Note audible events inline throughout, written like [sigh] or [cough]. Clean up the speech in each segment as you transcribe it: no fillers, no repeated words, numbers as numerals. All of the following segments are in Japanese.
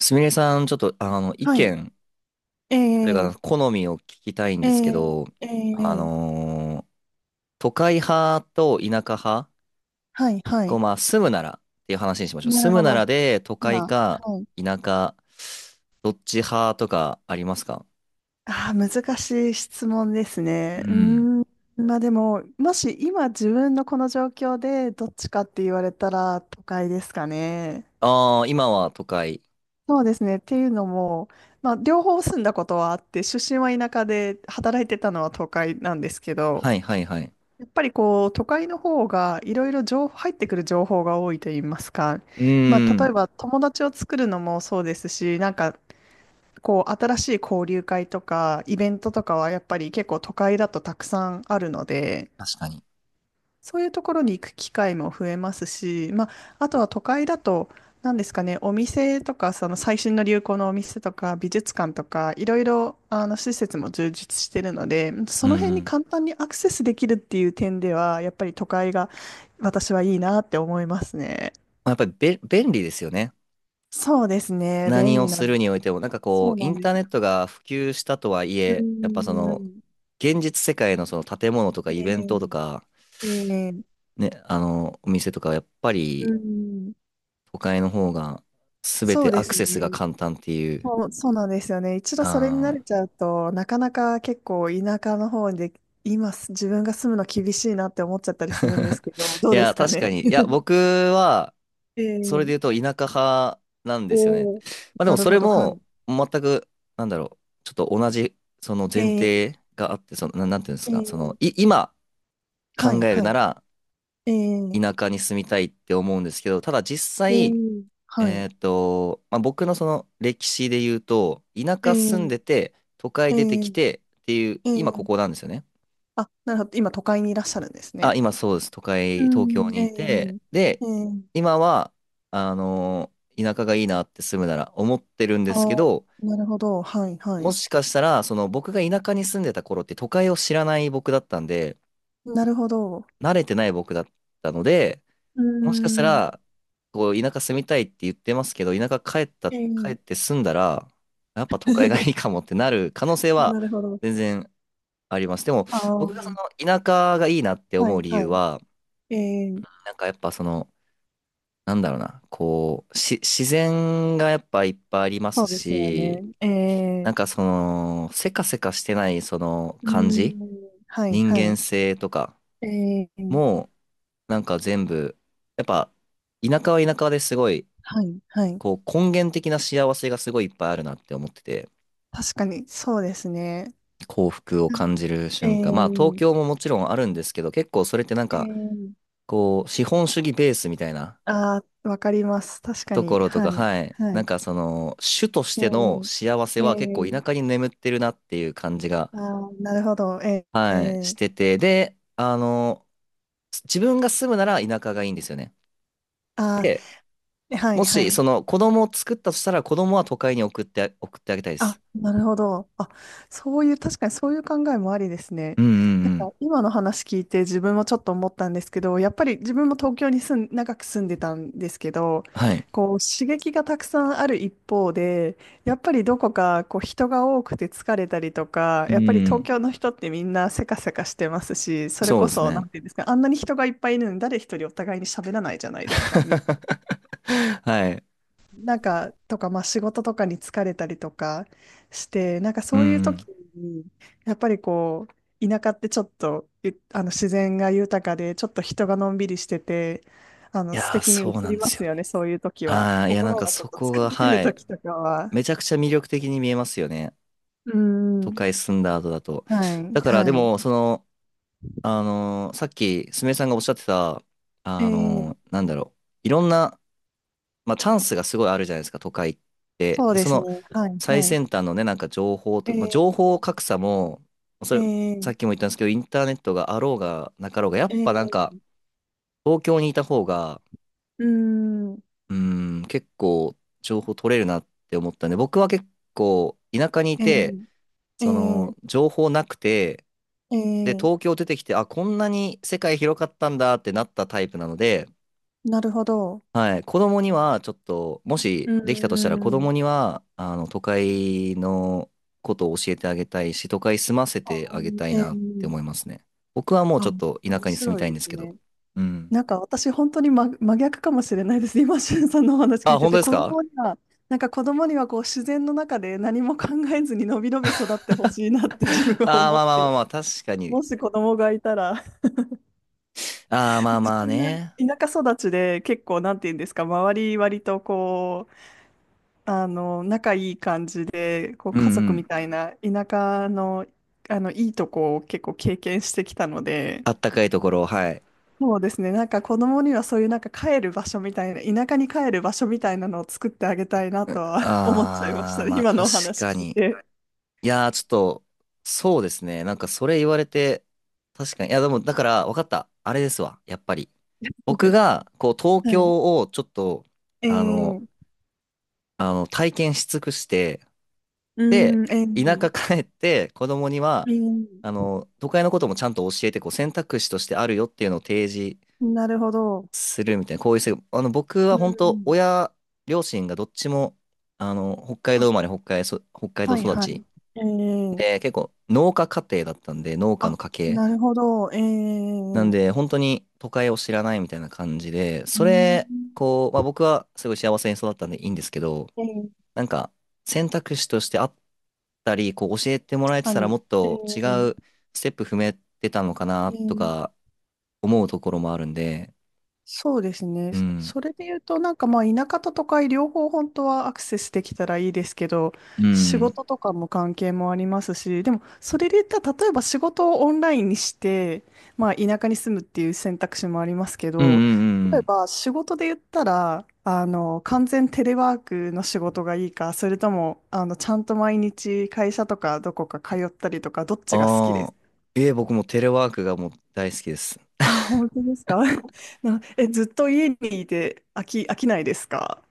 すみれさん、ちょっと、意は見、い。えそれからえ好みを聞きたいんえですけど、えあええ、のー都会派と田舎派、はい、はこう、い。まあ、住むならっていう話にしましょう。なる住むほなど。らで、都会今、かはい。田舎、どっち派とかありますか？ああ、難しい質問ですうね。うーん。ん。まあでも、もし今自分のこの状況でどっちかって言われたら都会ですかね。ああ、今は都会。そうですね。っていうのも、まあ両方住んだことはあって、出身は田舎で働いてたのは都会なんですけど、はいはいはい。やっぱりこう、都会の方がいろいろ情報、入ってくる情報が多いと言いますか。うまーあ、例えん。ば友達を作るのもそうですし、なんかこう、新しい交流会とかイベントとかはやっぱり結構都会だとたくさんあるので、確かに。そういうところに行く機会も増えますし、まあ、あとは都会だと、何ですかね、お店とか、その最新の流行のお店とか、美術館とか、いろいろ、あの、施設も充実してるので、うそんうの辺にん。簡単にアクセスできるっていう点では、やっぱり都会が私はいいなって思いますね。まあやっぱりべ、便利ですよね。そうですね、便何を利な、するにおいても、なんかそこうう、イなンんでターすネよ。ットが普及したとはいうーえ、やっぱその、ん。現実世界のその建物とかえイベントとーか、えーね、あの、お店とかはやっぱうりーん。都会の方が全そうてでアクすセスがね。簡単っていう。そうなんですよね。一度それに慣あれー。 ちゃうと、なかなか結構田舎の方で、自分が住むの厳しいなって思っちゃったりするんです [laughs] けど、どいうでや、すか確かね。に。いや、[laughs] 僕は、それでえ言うえ。と田舎派なんですよね。おー、まあでもなるそれほど、はも、全く、なんだろう、ちょっと同じ、そのい。前え提え。があって、その、なんていうんですえか、その、ー今は考い、えるはない。ら、ええ。田舎に住みたいって思うんですけど、ただ実お際、ー。はえい。っと、まあ、僕のその歴史で言うと、田え舎え住んでて、都会え出てえ。きてっていう、え今こーこなんですよね。あ、なるほど。今、都会にいらっしゃるんですね。あ、今そうです。都う会、東京ん、にえいて、で、え。今は、あの、田舎がいいなって住むなら思ってるんであすけー、ど、なるほど、はい、はもい。しかしたら、その僕が田舎に住んでた頃って都会を知らない僕だったんで、なるほど。慣れてない僕だったので、うーもしかしたん、ら、こう、田舎住みたいって言ってますけど、田舎帰った、え帰っえ。 て住んだら、やっぱ都会がいい [laughs] かもってなる可能性はなるほど。全然あります。でも、ああ、僕がその田舎がいいなっては思うい、理は由い。は、ええ、なんかやっぱその、なんだろうな、こう、自然がやっぱいっぱいありまそすうですよし、ね。えなえ、んかその、せかせかしてないそのうー感じ、ん、はい、人は間い。性とかええ、も、なんか全部、やっぱ、田舎は田舎ですごい、はい、はい。こう根源的な幸せがすごいいっぱいあるなって思ってて、確かに、そうですね。幸福を感じるえ瞬間。まあ東え、京ももちろんあるんですけど、結構それってなんええ、か、こう資本主義ベースみたいなああ、わかります。確かとこに、ろとはか、い、はい。はなんい。かその、主としてのえ幸せえ、えは結構田舎え、に眠ってるなっていう感じが、ああ、なるほど。はい、してて。で、あの、自分が住むなら田舎がいいんですよね。あで、あ、はい、もはしい。その子供を作ったとしたら子供は都会に送って、送ってあげたいであ、す。なるほど。あ、そういう、確かにそういう考えもありですね。うんうんうなん。んか今の話聞いて自分もちょっと思ったんですけど、やっぱり自分も東京に長く住んでたんですけど、はい。こう刺激がたくさんある一方で、やっぱりどこかこう人が多くて疲れたりとか、うやっぱり東ん。京の人ってみんなせかせかしてますし、それそうこですそ、なね。んていうんですか、あんなに人がいっぱいいるのに誰一人お互いに喋らないじゃないですか。[laughs] はい。なんか、とか、まあ仕事とかに疲れたりとかして、なんかうそういう時ん。に、やっぱりこう、田舎ってちょっと、あの自然が豊かで、ちょっと人がのんびりしてて、あいの素やー、敵に映そうなんりでますよすよね、ね。そういう時は。ああ、いや、なん心かがちょそっとこ疲が、れてるはい。時とかは。めちゃくちゃ魅力的に見えますよね。う都ん。会住んだ後だと。はい、だから、ではも、その、あのーさっき、すみれさんがおっしゃってた、い。あー、のー、なんだろう。いろんな、まあ、チャンスがすごいあるじゃないですか、都会って。そうで、でそすね。の、はい、最はい。先端のね、なんか情報と、まあ、え情報格差も、そー、れ、えさー、っきも言ったんですけど、インターネットがあろうがなかろうが、やえっぱなんか、ー、東京にいた方が、うーん。うん、結構情報取れるなって思ったんで、僕は結構田舎にいえて、ー、えそー、の情報なくて、えで、ー、東京出てきて、あ、こんなに世界広かったんだってなったタイプなので、なるほど。はい、子供にはちょっと、もうしーできたとしたら子ん。供には、あの、都会のことを教えてあげたいし、都会住ませてあげたいあ、えなってえ、思いますね。僕はもうちょあ、っと田面舎に住み白いたいんでですすけど。ね。うん。なんか私本当に真逆かもしれないです。今、しゅんさんのお話聞あ、いて本当て、です子供か？には、なんか子供にはこう自然の中で何も考えずにのびのび育ってほしいなって [laughs] 自あ。 [laughs] 分はあー、思っまあまあてまいあまる。あ、確かもに。し子供がいたら、ああ、まあ自まあ分がね。田舎育ちで結構なんて言うんですか、周り割とこう、あの、仲いい感じで、こううん家う族みん。たいな田舎の、あの、いいとこを結構経験してきたので、あったかいところ、はい。そうですね。なんか子供にはそういうなんか帰る場所みたいな、田舎に帰る場所みたいなのを作ってあげたいなとは [laughs] 思っちゃいましあー、たね。まあ今確のお話か聞いに。て。いやー、ちょっと、そうですね。なんかそれ言われて、確かに。いや、でも、だから、わかった。あれですわ。やっぱり。僕 [laughs] が、こう、東はい。京をちょっと、えあの、ー、あの、体験し尽くして、うーで、ん。田舎帰って、子供にえは、あーの、都会のこともちゃんと教えて、こう、選択肢としてあるよっていうのを提示なるほど。するみたいな、こういう制度。あの、僕うはー本当、ん、親、両親がどっちも、あの、北海道あ、生まれ、北海道はい育はち。い。えー、で、結構、農家家庭だったんで、農家のあ、家系。なるほど。なんで、本当に都会を知らないみたいな感じで、うーそれ、ん。こう、まあ僕はすごい幸せに育ったんでいいんですけど、えー、なんか、選択肢としてあったり、こう、教えてもらえてたら何もっえと違ー、うステップ踏めてたのかえな、とーか、思うところもあるんで、そうですね。うん。それで言うと、なんかまあ田舎と都会両方本当はアクセスできたらいいですけど、う仕ん。事とかも関係もありますし、でもそれで言ったら例えば仕事をオンラインにして、まあ田舎に住むっていう選択肢もありますけうんうど、んうんう例えん。ば仕事で言ったら、あの、完全テレワークの仕事がいいか、それとも、あの、ちゃんと毎日会社とかどこか通ったりとか、どっちが好きでああ。す？えー、僕もテレワークがもう大好きです。あ、本当ですか？ [laughs] な、え、ずっと家にいて飽きないですか？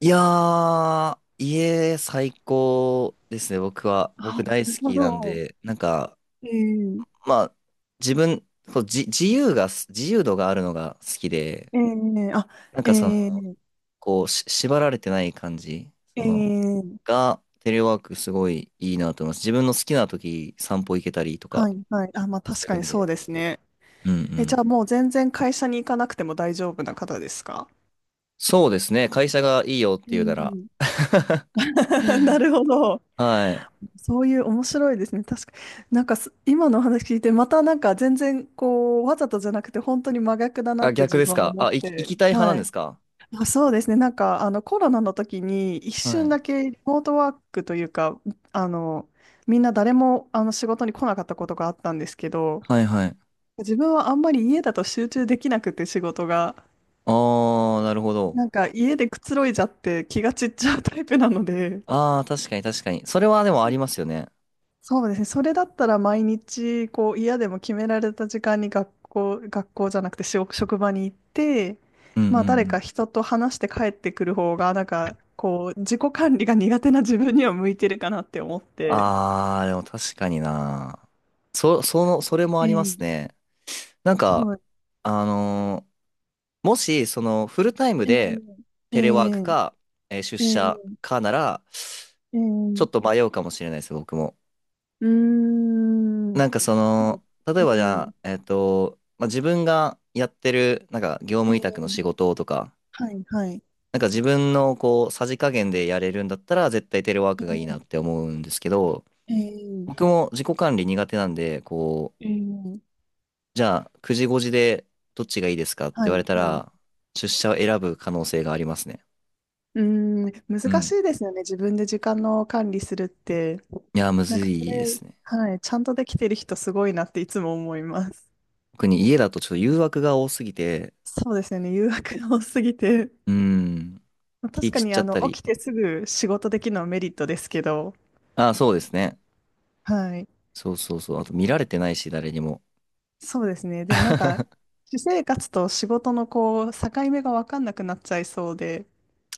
いやー、家最高ですね、僕は。僕あ、な大る好ほきなんど。で、なんか、ええまあ、自分、こう、自由度があるのが好きで、ええ、あ、なんえかその、えこう、縛られてない感じ、その、ええ、が、テレワークすごいいいなと思います。自分の好きな時、散歩行けたりとかはい、はい。あ、まあす確かるにんそうで。ですね。うんうえ、じゃん。あもう全然会社に行かなくても大丈夫な方ですか？そうですね、会社がいいよってえ言うなら。ん [laughs] [laughs] なるほど。はい。そういう面白いですね。確かなんかす今のお話聞いて、またなんか全然こう、わざとじゃなくて本当に真逆だなっあ、て逆自です分はか？思っあ、行て、きたい派なはんでい。すか？あ、そうですね。なんか、あの、コロナの時に一は瞬い。だけリモートワークというか、あの、みんな誰もあの仕事に来なかったことがあったんですけど、はいはい。自分はあんまり家だと集中できなくて仕事が、ああ、なるほど。なんか家でくつろいじゃって気が散っちゃうタイプなので、ああ、確かに確かに。それはでもあなんりますよね。そうですね。それだったら毎日、こう、嫌でも決められた時間に学校、学校じゃなくて職場に行って、うんうんまうあ、誰かん。人と話して帰ってくる方が、なんか、こう、自己管理が苦手な自分には向いてるかなって思って。ああ、でも確かにな。その、それもあえりまえ、すね。なんか、そう、あのー、もし、その、フルタイムええ、でえテレワークえ、か、えー出ええ、社かなら、えちょえ、っと迷うかもしれないです、僕も。うーん、なんかそその、う、例ええばじゃえ、あ、えっと、まあ、自分がやってる、なんか業え務委託え、の仕事とか、はい、はい、なんか自分のこう、さじ加減でやれるんだったら、絶対テレワーえクがいいなえ、って思うんですけど、ええ、僕も自己管理苦手なんで、こう、ええ、じゃあ、9時5時でどっちがいいですかっては言わい、れたはい。ら、出社を選ぶ可能性がありますね。うーん、う難しん。いですよね。自分で時間の管理するって。いや、むなんずかそいでれ、すね。はい、ちゃんとできてる人すごいなっていつも思います。特に家だとちょっと誘惑が多すぎて、そうですよね。誘惑が多すぎて。うん、まあ気確か散っにちゃあっのた起り。きてすぐ仕事できるのはメリットですけど、ああ、そうですね。はい。そうそうそう。あでと見もられてないし、誰にも。そうですね。でもなんか、私生活と仕事のこう、境目が分かんなくなっちゃいそうで、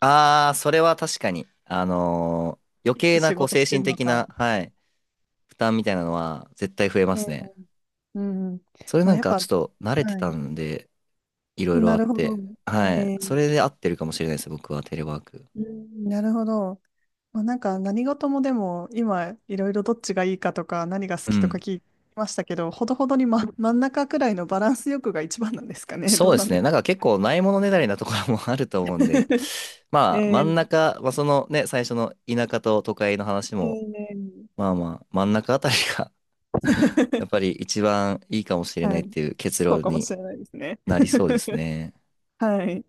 ああ、それは確かに。あのー、余いつ計な仕こう事精して神るの的か。な、はい、負担みたいなのは絶対増えまえすえ、ね。うん。それまなあ、んやっかぱ、ちょっと慣れてはたい。んで、いろいろなあっるほど。て。はい。えそれえ、で合ってるかもしれないです、僕はテレワーク。うん、なるほど。まあ、なんか何事もでも今いろいろどっちがいいかとか何が好うきとかん。聞きましたけど、ほどほどに、ま、真ん中くらいのバランス欲が一番なんですかね。[laughs] そうどうでなんすでね。すか？ なんか結構ないものねだりなところも [laughs] あると思うんで、[laughs] えまあ真んー中、まあそのね、最初の田舎と都会の話えも、ー まあまあ真ん中あたりが [laughs] やっぱ [laughs] り一番いいかもしれないはっい。ていう結そう論かもにしれないですね。なりそうですね。はい。